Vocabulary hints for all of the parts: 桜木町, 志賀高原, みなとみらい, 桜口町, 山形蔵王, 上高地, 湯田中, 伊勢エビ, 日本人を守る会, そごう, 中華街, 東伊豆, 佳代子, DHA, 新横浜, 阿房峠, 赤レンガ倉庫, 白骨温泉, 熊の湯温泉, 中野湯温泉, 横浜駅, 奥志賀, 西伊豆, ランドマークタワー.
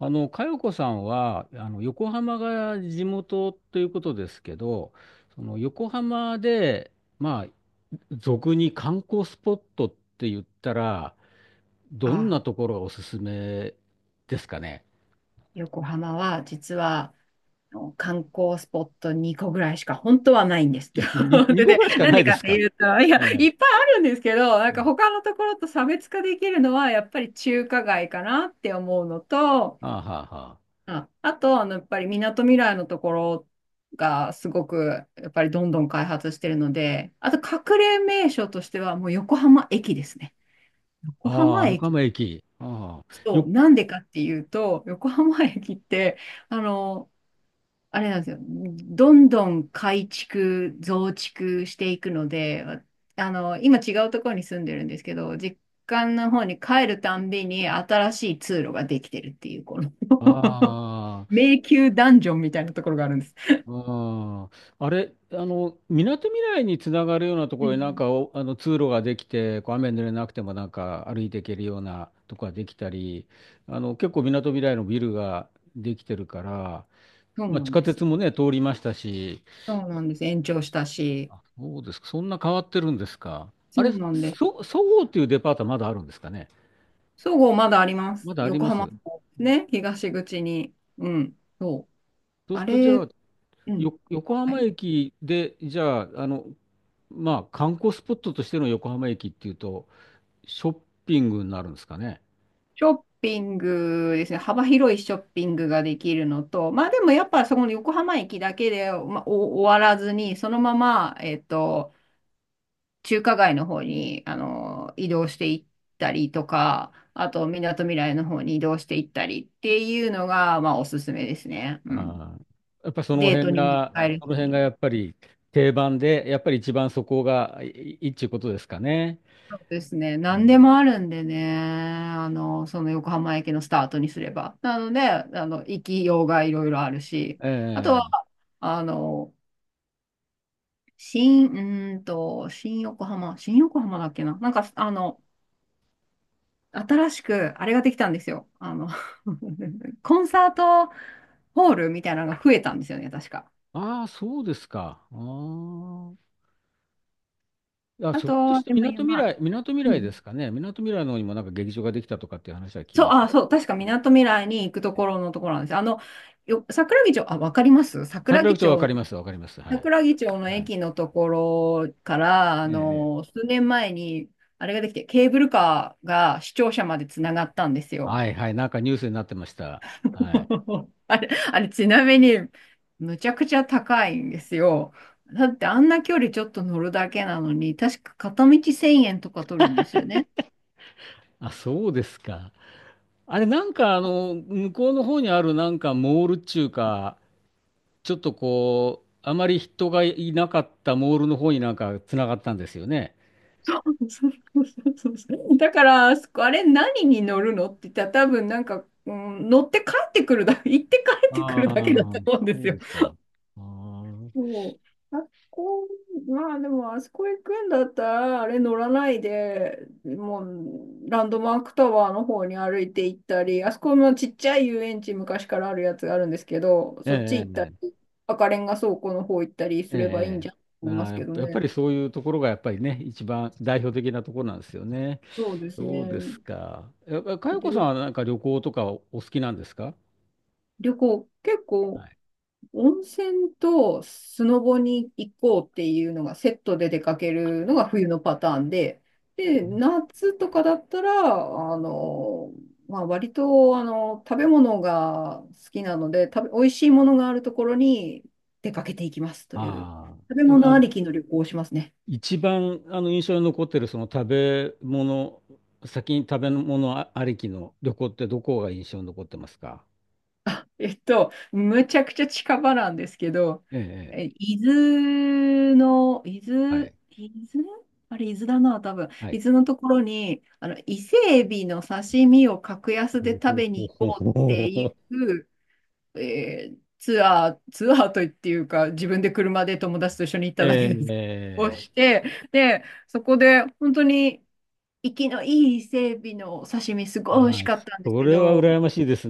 佳代子さんは、横浜が地元ということですけど、その横浜で、まあ、俗に観光スポットって言ったら、どんなあ、ところがおすすめですかね。横浜は実は観光スポット2個ぐらいしか本当はないんです。2で、個でぐらいしかなんなでいでかっすてか。いうと、いや、ええ。いっぱいあるんですけど、なんかええ、他のところと差別化できるのはやっぱり中華街かなって思うのと、ああ、はあと、やっぱりみなとみらいのところがすごくやっぱりどんどん開発してるので、あと隠れ名所としてはもう横浜駅ですね。横あ、はあ。あ浜あ、横駅。浜駅。ああ、そう、よ、なんでかっていうと、横浜駅って、あの、あれなんですよ。どんどん改築、増築していくので、今違うところに住んでるんですけど、実家の方に帰るたんびに新しい通路ができてるっていう、この ああ迷宮ダンジョンみたいなところがあるんです。ああ、あれ、みなとみらいにつながるようなとうころになんん、かあの通路ができて、こう雨濡れなくてもなんか歩いていけるようなとこができたり、結構みなとみらいのビルができてるから、そうまあ、な地ん下です。鉄もね、通りましたし、そうなんです。延長したし。あ、そうですか、そんな変わってるんですか。あそれ、うなんです。そごうっていうデパートはまだあるんですかね。そごうまだありまます。だあり横ま浜す。の方ね、東口に。うん、そう。そうすあるとじゃれ、あ、うん。横は浜い、駅で、じゃあ、まあ、観光スポットとしての横浜駅っていうと、ショッピングになるんですかね。ショッピングですね、幅広いショッピングができるのと、まあでもやっぱそこの横浜駅だけで、まあ、お終わらずに、そのまま、中華街の方に移動していったりとか、あと、みなとみらいの方に移動していったりっていうのが、まあおすすめですね。うん。あーやっぱりそのデー辺トにもが、う使えんそるの辺がし。やっぱり定番で、やっぱり一番そこがいいいいっちゅうことですかね。そうですね。う何ん、でもあるんでね。その横浜駅のスタートにすれば。なので、行きようがいろいろあるし。あとえはえ、あの、新、うーんと、新横浜、新横浜だっけな、なんか、新しく、あれができたんですよ。あの コンサートホールみたいなのが増えたんですよね、確か。ああ、そうですか。あ、あひょっとと、してでみもなとみ今、らい、みなとみうらいでん。すかね。みなとみらいの方にもなんか劇場ができたとかっていう話は聞きそう、ました。あ、そう、確かみなとみらいに行くところのところなんですよ。桜木町、あ、わかります桜桜木口町わか町、ります、わかります。はい。桜木町のはい。駅のところから、ええ、数年前に、あれができて、ケーブルカーが視聴者までつながったんですよ。はいはい。なんかニュースになってました。はい。あれ、あれ、ちなみに、むちゃくちゃ高いんですよ。だってあんな距離ちょっと乗るだけなのに、確か片道1000円とか取るんですよね。あ、そうですか。あれ、なんか向こうの方にあるなんかモールっちゅうか、ちょっとあまり人がいなかったモールの方になんか繋がったんですよね。そうそうそうそうだから、あそこあれ何に乗るのって言ったら多分なんか、うん、乗って帰ってくるだ、行って帰ってくあるあ、だけだと思うんでそすうよ。ですか。ああ、そう。あそこ、まあでも、あそこ行くんだったら、あれ乗らないで、もランドマークタワーの方に歩いて行ったり、あそこもちっちゃい遊園地昔からあるやつがあるんですけど、えそっち行ったえ、り、赤レンガ倉庫の方行ったりえすえ、ればいいんえじゃんとえ。思いまなあ、すやけっどぱやっぱね。りそういうところがやっぱりね、一番代表的なところなんですよね。そうですそうでね。すか。かよこさん旅、はなんか旅行とかお好きなんですか？旅行、結は構い。温泉とスノボに行こうっていうのがセットで出かけるのが冬のパターンで、で、夏とかだったら、あの、まあ、割と、食べ物が好きなので、美味しいものがあるところに出かけていきますという、あ食べあ、物ありきの旅行をしますね。一番印象に残ってるその食べ物、先に食べ物ありきの旅行ってどこが印象に残ってますか？ あ、むちゃくちゃ近場なんですけど、ええ、ええ、え、伊豆の、伊は豆、い、伊豆あれ、伊豆だな、多分。は伊い。豆のところに、伊勢エビの刺身を格 安ほで食べほに行ほこうっほてほいほ、う、ツアーといっていうか、自分で車で友達と一緒に行っえただけです。をえ、えしえ、て、で、そこで、本当に、生きのいい伊勢エビの刺身、すごい美味しああ、かったんですそけれはど、羨ましいです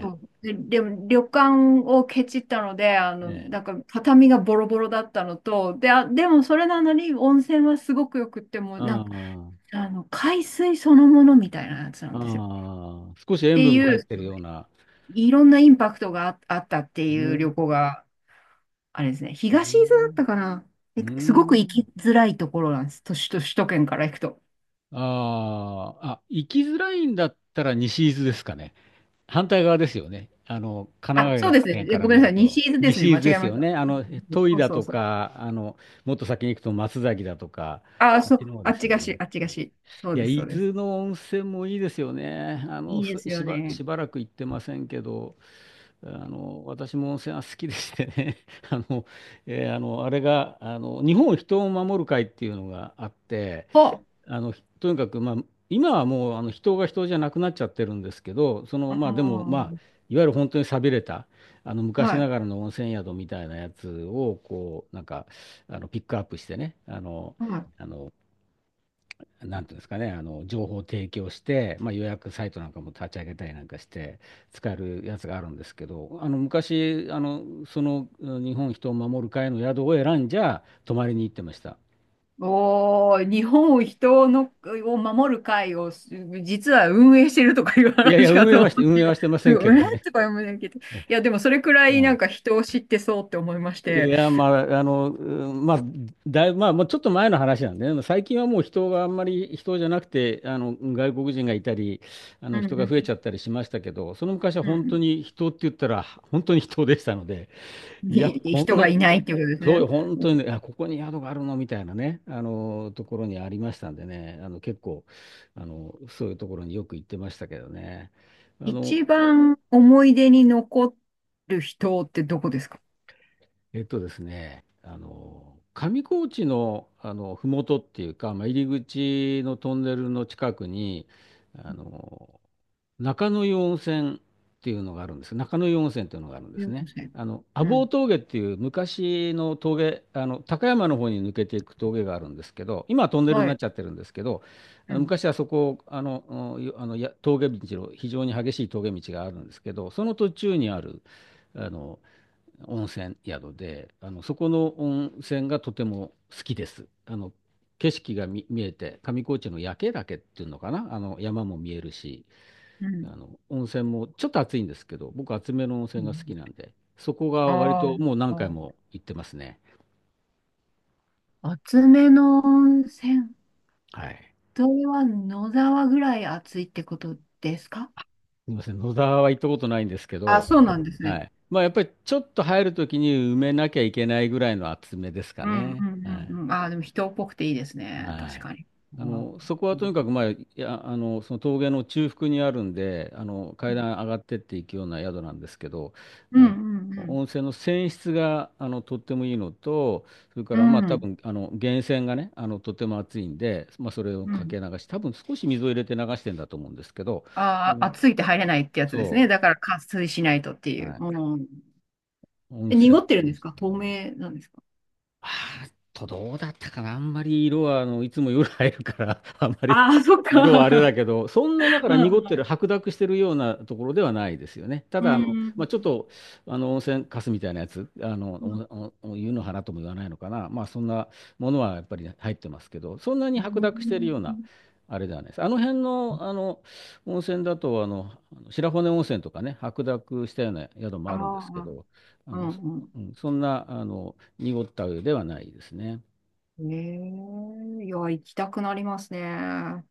そうで、でも旅館をケチったので、ええ、なんか畳がボロボロだったのと、で、あ、でもそれなのに温泉はすごくよくって、もうなんか、あ海水そのものみたいなやつなあ、んですよ。っああ、少し塩て分がい入っう、てるような。いろんなインパクトがあ、あったってういう旅ん、行が、あれですね、う東伊豆だっん、たかな。うですごく行ん。きづらいところなんです。都市と首都圏から行くと。ああ、あ、行きづらいんだったら西伊豆ですかね。反対側ですよね。神あ、奈そうです川ね。県えからごめん見なさるい。西と。伊豆ですね。西伊間違豆でえすましよた。ね。戸井そうだそうとそう。か、もっと先に行くと松崎だとか、あ、あっそちのう、方あでっすちよがし、ね。あっちがし。そういや、です、そ伊うです。豆の温泉もいいですよね。いいですすよしば、ね。しばらく行ってませんけど、私も温泉は好きでしてね。あの、あれが、日本人を守る会っていうのがあって、あ、ひとにかく、まあ、今はもうあの人が人じゃなくなっちゃってるんですけど、そあの、まあでも、まあ、ーいわゆる本当に寂れた、あのは昔ない、がらの温泉宿みたいなやつを、なんか、ピックアップしてね、はい。あの、なんていうんですかね、あの情報を提供して、まあ、予約サイトなんかも立ち上げたりなんかして使えるやつがあるんですけど、あの昔、うん、日本人を守る会の宿を選んじゃ泊まりに行ってました。おー、日本を人のを守る会を実は運営してるとかいういやいや、話かと思って運営はしてませすんごけい、どね。とか思いながいて。いや、で もそれくらいはなんい、か人を知ってそうって思いましいて、や、まあ、うん、まあ、だいぶ、まあ、もうちょっと前の話なんでね、最近はもう人があんまり、人じゃなくて、外国人がいたり、うん人が増えうちゃったりしましたけど、その昔は本当ん。に人って言ったら、本当に人でしたので、うん、いや、にこん人がな、いないっていうことですそう、ね。本当にね、あ、ここに宿があるのみたいなね、ところにありましたんでね、結構、そういうところによく行ってましたけどね。あの、一番思い出に残る人ってどこですか？ですね、上高地の、ふもとっていうか、まあ、入り口のトンネルの近くに、あの、中野湯温泉っていうのがあるんです。中野湯温泉っていうのがあるんですよんね。せん、阿う房ん。峠っていう昔の峠、高山の方に抜けていく峠があるんですけど、今はトンネルにはなっい。ちゃってるんですけど、あうのん。昔はそこ、うん、峠道の非常に激しい峠道があるんですけど、その途中にある、あの、温泉宿で、そこの温泉がとても好きです。景色が見えて、上高地の夜景岳っていうのかな、山も見えるし、うん。温泉もちょっと暑いんですけど、僕、熱めの温う泉ん、が好きなんで、そこが割あともう何回あ。も行ってますね。熱めの温泉。はい。それは野沢ぐらい暑いってことですか？すみません、野沢は行ったことないんですけあ、ど、そうなんですはね。い。まあ、やっぱりちょっと入るときに埋めなきゃいけないぐらいの厚めですかうんうね。はんうい。んうん。あ、でも人っぽくていいですね。は確い。かに。うんそこうはとにんかく、まあ、いや、その峠の中腹にあるんで、階段上がってっていくような宿なんですけど、うんあの、うん。温泉の泉質が、とってもいいのと、それかうら、まあ、多ん分、源泉がね、とても熱いんで、まあ、それをうかん、け流し、多分少し水を入れて流してんだと思うんですけど、うあ、ん、暑いって入れないってやつですね。そだから加水しないとってう、いう。はい。うん。温え、濁泉ってるんのです質か透がいい、明なんですか？あーっと、どうだったかな。あんまり色は、いつも夜入るから、あんまりああ、そっ色はあれか。だけど、そんな、だかうら濁んってる、白濁してるようなところではないですよね。たうだ、んまあ、ちょっと、温泉カスみたいなやつ、うん。お湯の花とも言わないのかな。まあ、そんなものはやっぱり入ってますけど、そんなにう白ん。濁してるような、あれではないです。あの辺の、温泉だと、あの白骨温泉とかね、白濁したような宿もああるんですけあ、ど、あうの、んうん、うん、そんな、濁った湯ではないですね。ええいや、行きたくなりますね。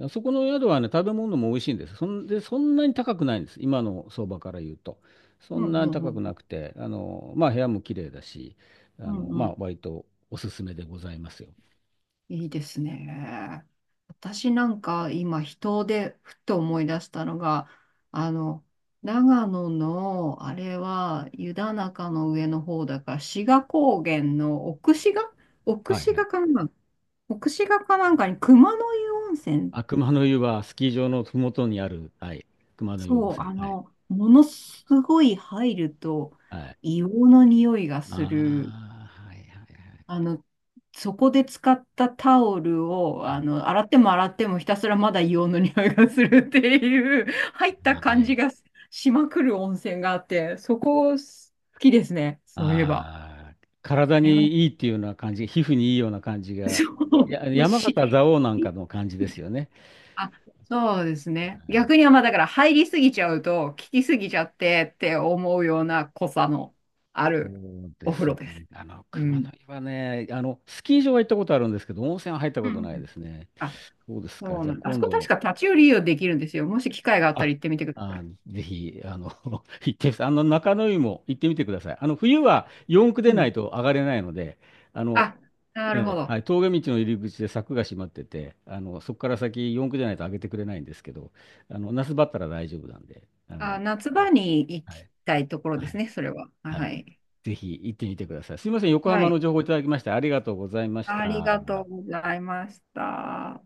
あそこの宿はね、食べ物も美味しいんです。そんで、そんなに高くないんです。今の相場から言うと。そうんんうなにんう高くなん。くて、まあ、部屋も綺麗だし、うんまうあ、ん。割とおすすめでございますよ。いいですね。私なんか今、人でふと思い出したのが、あの、長野の、あれは湯田中の上の方だから、志賀高原の奥志賀奥はい志はい。賀かな、奥志賀かなんかに熊の湯温泉。あ、熊の湯はスキー場のふもとにある、はい、熊の湯温そう、泉。はい。ものすごい入るとはい。硫黄の匂いがあする。あ、はいはい。あの、そこで使ったタオルを、洗っても洗ってもひたすらまだ硫黄の匂いがするっていう、入ったは感い。じがしまくる温泉があって、そこ好きですね。そういえば。ああ、体あれは、にいいっていうような感じ、皮膚にいいような感じが、そいう、や、もう山形し、蔵王なんかの感じですよね。あ、そうですね。逆にはまあだから入りすぎちゃうと、効きすぎちゃってって思うような濃さのあそるうでお風す呂です。ね。う熊ん。野湯はね、スキー場は行ったことあるんですけど、温泉は入ったうことん。ないですね。あ、そうですか。そうじゃなあん、あそ今こ確度、か立ち寄り利用できるんですよ。もし機会があったらあ、行ってみてくださあ、い。ぜひ、行ってみて、中野湯も行ってみてください。冬は四駆うでなん。いと上がれないので、あの、あ、なるほええ、はど。い、峠道の入り口で柵が閉まってて、そこから先四駆でないと上げてくれないんですけど、那須だったら大丈夫なんで、あ、夏場に行はきい。たいところはですいね、それは。ははい。い。ぜひ行ってみてください。すみません。横は浜い。の情報いただきましてありがとうございましありがた。とうございました。